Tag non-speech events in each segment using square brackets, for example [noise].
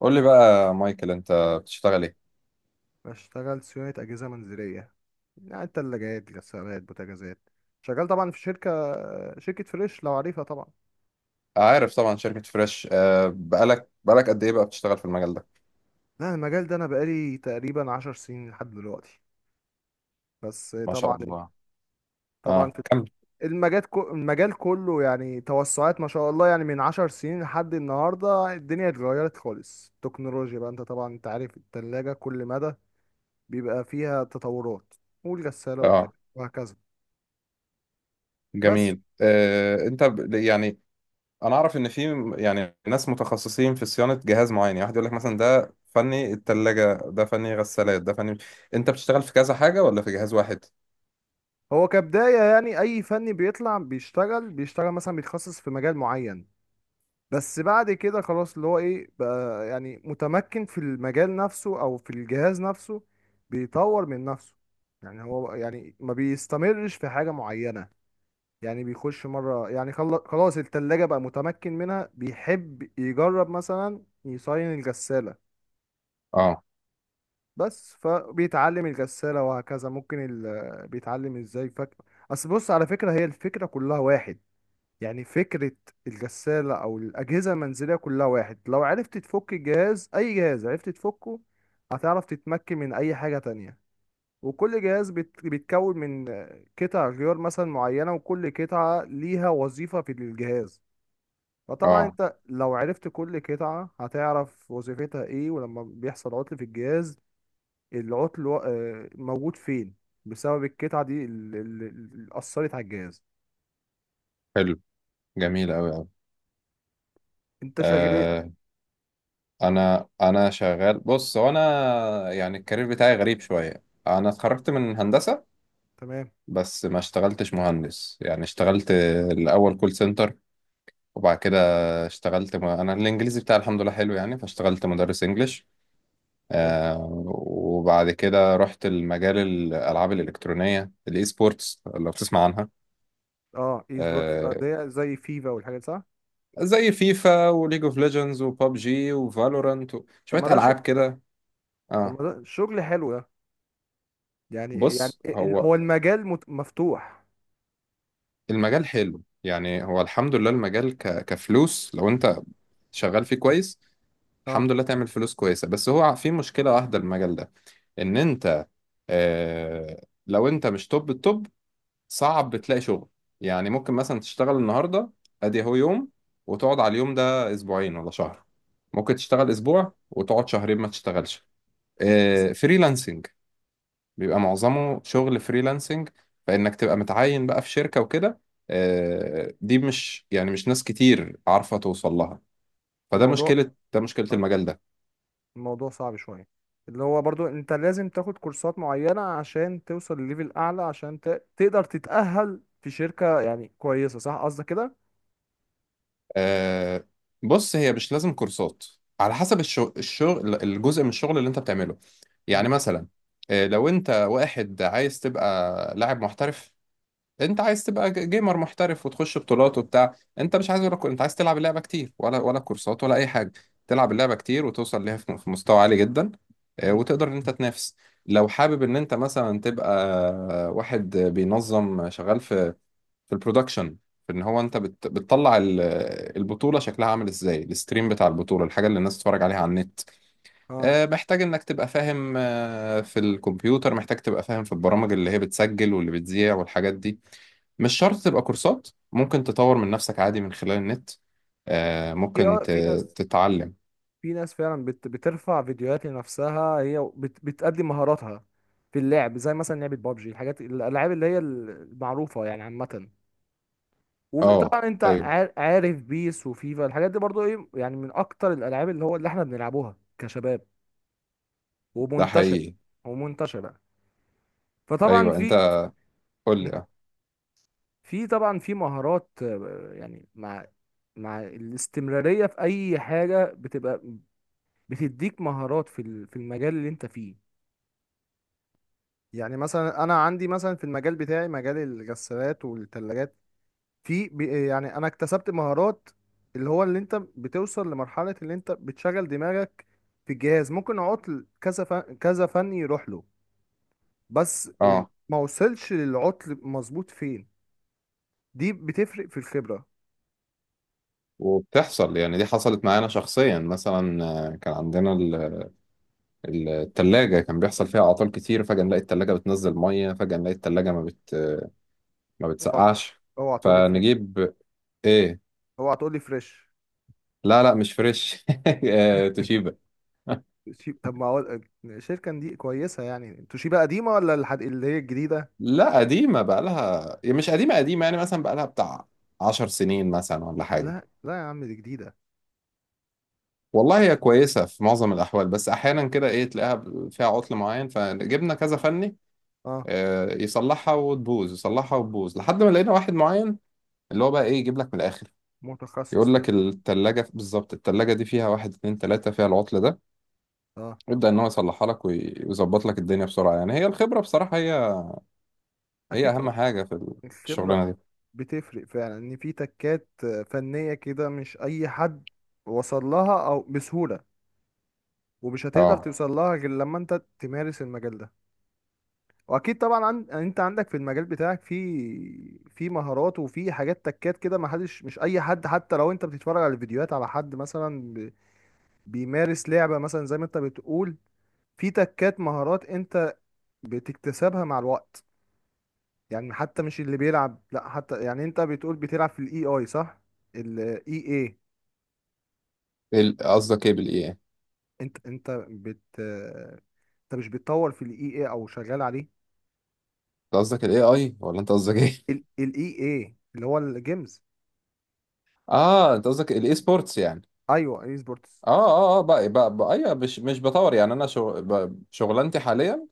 قول لي بقى يا مايكل انت بتشتغل ايه؟ بشتغل صيانة أجهزة منزلية، يعني تلاجات غسالات بوتاجازات. شغال طبعا في شركة، شركة فريش لو عارفها طبعا. عارف طبعا شركة فريش. بقالك قد ايه بقى بتشتغل في المجال ده؟ لا، المجال ده أنا بقالي تقريبا 10 سنين لحد دلوقتي، بس ما شاء طبعا. الله. اه، في كمل. المجال كله، يعني توسعات ما شاء الله. يعني من 10 سنين لحد النهاردة الدنيا اتغيرت خالص. التكنولوجيا بقى، انت طبعا انت عارف التلاجة كل مدى بيبقى فيها تطورات، والغسالة وبتاع، اه. وهكذا. بس جميل. انت يعني انا اعرف ان في يعني ناس متخصصين في صيانة جهاز معين، يعني واحد يقول لك مثلا ده فني التلاجة، ده فني غسالات، ده فني. انت بتشتغل في كذا حاجة ولا في جهاز واحد؟ هو كبداية، يعني أي فني بيطلع بيشتغل مثلا بيتخصص في مجال معين. بس بعد كده خلاص اللي هو إيه بقى، يعني متمكن في المجال نفسه أو في الجهاز نفسه، بيطور من نفسه. يعني هو يعني ما بيستمرش في حاجة معينة. يعني بيخش مرة، يعني خلاص التلاجة بقى متمكن منها، بيحب يجرب مثلا يصين الغسالة. اه. بس فبيتعلم الغسالة وهكذا. ممكن بيتعلم ازاي اصل، بص على فكرة، هي الفكرة كلها واحد. يعني فكرة الغسالة أو الأجهزة المنزلية كلها واحد. لو عرفت تفك الجهاز، أي جهاز عرفت تفكه، هتعرف تتمكن من أي حاجة تانية. وكل جهاز بيتكون من قطع غيار مثلا معينة، وكل قطعة ليها وظيفة في الجهاز. فطبعا اه. انت لو عرفت كل قطعة هتعرف وظيفتها ايه، ولما بيحصل عطل في الجهاز العطل موجود فين، بسبب القطعة دي اللي أثرت على الجهاز. حلو. جميل قوي. انت شغال قوي. ايه؟ انا شغال. بص، هو انا يعني الكارير بتاعي غريب شويه. انا اتخرجت من هندسه، تمام. بس ما اشتغلتش مهندس. يعني اشتغلت الاول كول سنتر، وبعد كده اشتغلت انا الانجليزي بتاعي الحمد لله حلو، يعني فاشتغلت مدرس انجليش. آه وبعد كده رحت المجال الالعاب الالكترونيه الاي سبورتس، لو بتسمع عنها. اه، اي سبورت آه اللي هي زي فيفا والحاجات، صح. زي فيفا وليج اوف ليجندز وبابجي وفالورانت طب شويه ما ده شو... العاب كده. طب ما اه. ده شغل حلو ده. يعني، بص، هو هو المجال مفتوح. المجال حلو، يعني هو الحمد لله المجال كفلوس. لو انت شغال فيه كويس اه. الحمد لله تعمل فلوس كويسة. بس هو في مشكلة واحدة المجال ده، ان انت اه... لو انت مش توب التوب صعب تلاقي شغل. يعني ممكن مثلا تشتغل النهاردة، ادي هو يوم، وتقعد على اليوم ده اسبوعين ولا شهر. ممكن تشتغل اسبوع وتقعد شهرين ما تشتغلش. فريلانسنج، بيبقى معظمه شغل فريلانسنج. فإنك تبقى متعين بقى في شركة وكده، دي مش يعني مش ناس كتير عارفة توصل لها. فده الموضوع مشكلة، ده مشكلة آه. المجال ده. الموضوع صعب شويه، اللي هو برضو انت لازم تاخد كورسات معينه عشان توصل لليفل اعلى، عشان تقدر تتأهل في شركه يعني كويسه، صح قصدك كده؟ آه، بص، هي مش لازم كورسات، على حسب الشغل، الجزء من الشغل اللي انت بتعمله. يعني يعني. مثلا لو انت واحد عايز تبقى لاعب محترف، انت عايز تبقى جيمر محترف وتخش بطولات وبتاع. انت مش عايز ولا انت عايز تلعب اللعبه كتير ولا كورسات ولا اي حاجه. تلعب اللعبه كتير وتوصل ليها في مستوى عالي جدا، امم وتقدر ان انت تنافس. لو حابب ان انت مثلا تبقى واحد بينظم شغال في البرودكشن، في ان هو انت بتطلع البطوله شكلها عامل ازاي، الستريم بتاع البطوله، الحاجه اللي الناس تتفرج عليها على النت. اه، محتاج انك تبقى فاهم في الكمبيوتر، محتاج تبقى فاهم في البرامج اللي هي بتسجل واللي بتذيع والحاجات دي. مش شرط تبقى كورسات، ممكن تطور من نفسك عادي من خلال النت. في ممكن في ناس. تتعلم. في ناس فعلا بترفع فيديوهات لنفسها، هي بتقدم مهاراتها في اللعب، زي مثلا لعبة بابجي، الحاجات، الألعاب اللي هي المعروفة يعني عامة. اه. وطبعا انت ايوه عارف بيس وفيفا، الحاجات دي برضو ايه، يعني من اكتر الالعاب اللي هو اللي احنا بنلعبوها كشباب، ده ومنتشر حقيقي. ومنتشره. فطبعا ايوه انت، في قول لي. اه. في طبعا في مهارات يعني، مع الاستمراريه في اي حاجه بتبقى بتديك مهارات في المجال اللي انت فيه. يعني مثلا انا عندي مثلا في المجال بتاعي، مجال الغسالات والثلاجات، يعني انا اكتسبت مهارات اللي هو اللي انت بتوصل لمرحلة اللي انت بتشغل دماغك في الجهاز، ممكن عطل كذا فن كذا فن يروح له، اه ما وصلش للعطل مظبوط فين. دي بتفرق في الخبرة. وبتحصل يعني، دي حصلت معانا شخصيا مثلا. كان عندنا التلاجة كان بيحصل فيها اعطال كتير. فجأة نلاقي التلاجة بتنزل مية، فجأة نلاقي التلاجة ما اوعى. بتسقعش. اوعى تقولي فريش. فنجيب ايه؟ اوعى تقولي فريش. لا لا، مش فريش. [laughs] توشيبا. طب ما هو، الشركة دي كويسة يعني، توشيبا قديمة ولا اللي هي الجديدة؟ لا قديمة، بقالها يعني مش قديمة قديمة، يعني مثلا بقالها بتاع 10 سنين مثلا ولا حاجة. لا لا يا عم، دي جديدة. والله هي كويسة في معظم الأحوال، بس أحيانا كده إيه تلاقيها فيها عطل معين. فجبنا كذا فني اه. يصلحها وتبوظ، يصلحها وتبوظ، لحد ما لقينا واحد معين، اللي هو بقى إيه يجيب لك من الآخر، متخصص يقول فيها. لك التلاجة بالظبط، التلاجة دي فيها واحد اتنين تلاتة فيها العطل ده. اه، يبدأ إن هو يصلحها لك ويظبط لك الدنيا بسرعة. يعني هي الخبرة بصراحة، هي اكيد أهم طبعا. حاجة في الخبره الشغلانة دي. بتفرق فعلا، ان في تكات فنيه كده، مش اي حد وصل لها او بسهوله، ومش هتقدر أه. توصل لها غير لما انت تمارس المجال ده. واكيد طبعا يعني انت عندك في المجال بتاعك في مهارات، وفي حاجات تكات كده، ما حدش، مش اي حد، حتى لو انت بتتفرج على فيديوهات على حد مثلا بيمارس لعبه مثلا زي ما انت بتقول، في تكات مهارات انت بتكتسبها مع الوقت. يعني حتى مش اللي بيلعب، لا حتى، يعني انت بتقول بتلعب في الاي اي، صح؟ الاي اي. قصدك إيه بالإيه؟ انت انت بت انت مش بتطور في الاي اي او شغال عليه؟ انت قصدك الاي اي ولا انت قصدك ايه؟ الاي اي اللي هو الجيمز. [laughs] اه، انت قصدك الاي سبورتس يعني. ايوه، اي سبورتس. اه اه اه، بقى ايوه، مش بطور. يعني انا شغلانتي حاليا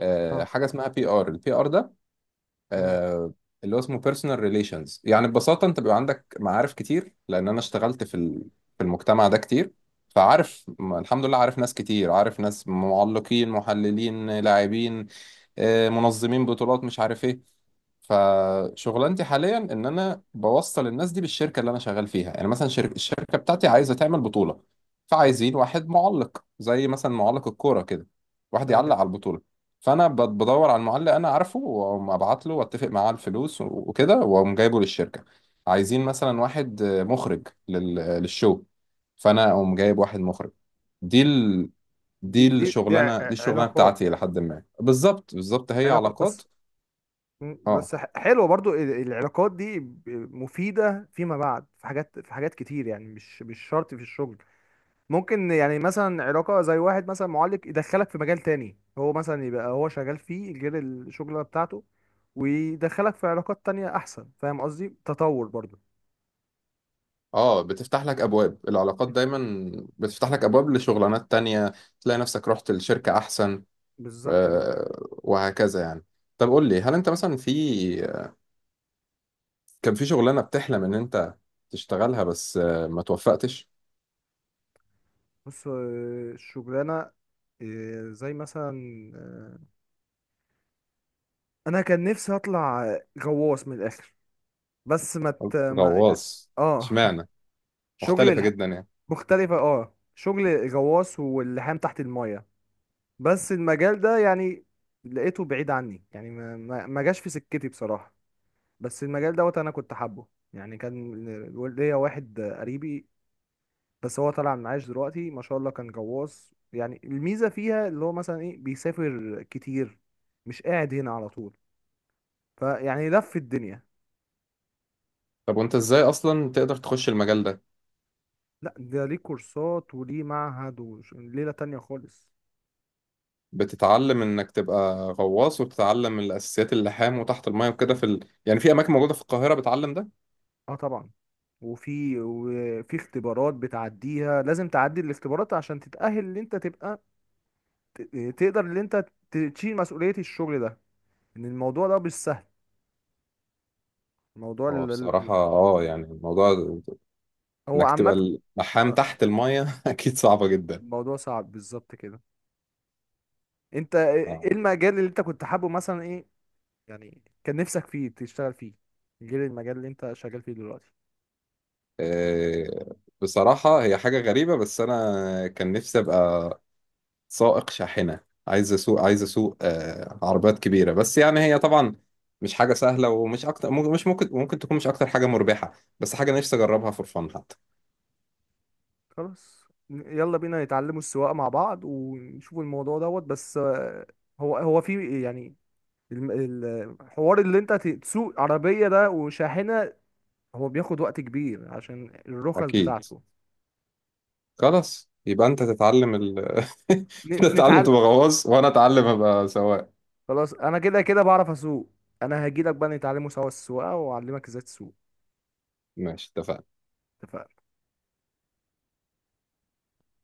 اه. حاجه اسمها PR، الـ PR ده امم آه اللي هو اسمه بيرسونال ريليشنز. يعني ببساطه انت بيبقى عندك معارف كتير لان انا اشتغلت في المجتمع ده كتير. فعارف الحمد لله عارف ناس كتير، عارف ناس معلقين، محللين، لاعبين، منظمين بطولات، مش عارف ايه. فشغلانتي حاليا ان انا بوصل الناس دي بالشركه اللي انا شغال فيها. يعني مثلا الشركه بتاعتي عايزه تعمل بطوله، تم- فعايزين واحد معلق زي مثلا معلق الكوره كده، واحد يعلق تمام. على البطوله. فانا بدور على المعلق انا عارفه، واقوم ابعت له واتفق معاه على الفلوس وكده، واقوم جايبه للشركه. عايزين مثلا واحد مخرج للشو، فانا اقوم جايب واحد مخرج. دي ال... دي دي دي دي ع- الشغلانه دي ع- الشغلانه علاقات بتاعتي لحد ما، بالظبط بالظبط هي علاقات علاقات. بس. مم. آه. بس حلوه برضو، العلاقات دي مفيده فيما بعد في حاجات، في حاجات كتير، يعني مش شرط في الشغل. ممكن يعني مثلا علاقة، زي واحد مثلا معلق يدخلك في مجال تاني، هو مثلا يبقى هو شغال فيه غير الشغلة بتاعته، ويدخلك في علاقات تانية أحسن. فاهم قصدي؟ تطور برضو. اه، بتفتح لك ابواب. العلاقات دايما بتفتح لك ابواب لشغلانات تانية، تلاقي نفسك رحت لشركة احسن، بالظبط كده. وهكذا يعني. طب قول لي، هل انت مثلا كان في شغلانة بتحلم ان انت تشتغلها، بس ما توفقتش؟ بص، الشغلانة، زي مثلا، آه، أنا كان نفسي أطلع غواص من الآخر، بس ما ت... ما... يعني. غواص؟ اه. اشمعنى؟ [laughs] شغل مختلفة الح... جدا يعني. مختلفة، اه، شغل غواص واللحام تحت المية. بس المجال ده يعني لقيته بعيد عني، يعني ما جاش في سكتي بصراحة. بس المجال دوت انا كنت حابه، يعني كان ليا واحد قريبي، بس هو طالع معاش دلوقتي ما شاء الله، كان غواص. يعني الميزة فيها اللي هو مثلا ايه، بيسافر كتير، مش قاعد هنا على طول، فيعني لف الدنيا. طب وانت ازاي اصلا تقدر تخش المجال ده؟ لا، ده ليه كورسات وليه معهد، وليلة تانية خالص. بتتعلم انك تبقى غواص وتتعلم الاساسيات، اللحام وتحت المايه وكده، في يعني في اماكن موجودة في القاهرة بتعلم ده. اه طبعا. وفي اختبارات بتعديها، لازم تعدي الاختبارات عشان تتأهل ان انت تبقى تقدر ان انت تشيل مسؤولية الشغل ده. ان الموضوع ده مش سهل، الموضوع هو بصراحة يعني الموضوع هو انك تبقى عامة. اللحام آه، تحت المية [laughs] اكيد صعبة جدا. الموضوع صعب بالظبط كده. انت ايه، اه إيه المجال اللي انت كنت حابه مثلا، ايه يعني كان نفسك فيه تشتغل فيه غير المجال اللي انت شغال فيه دلوقتي؟ آه، بصراحة هي حاجة غريبة، بس انا كان نفسي ابقى سائق شاحنة. عايز اسوق، عايز اسوق عربيات كبيرة، بس يعني هي طبعا مش حاجة سهلة ومش اكتر. ممكن- مش ممكن ممكن تكون مش اكتر حاجة مربحة، بس حاجة نفسي اجربها فور فن حتى. خلاص. يلا بينا نتعلموا السواقة مع بعض، ونشوف الموضوع دوت. بس هو في، يعني الم- ال- الحوار اللي انت تسوق عربية ده وشاحنة، هو بياخد وقت كبير عشان الرخص اكيد. بتاعته. خلاص، يبقى انت تتعلم [laughs] انت تتعلم نتعلم. تبقى غواص وانا اتعلم ابقى سواق. خلاص انا كده كده بعرف اسوق. انا هجيلك بقى نتعلموا سوا السواقه، واعلمك ازاي تسوق. ماشي، اتفقنا. اتفقنا.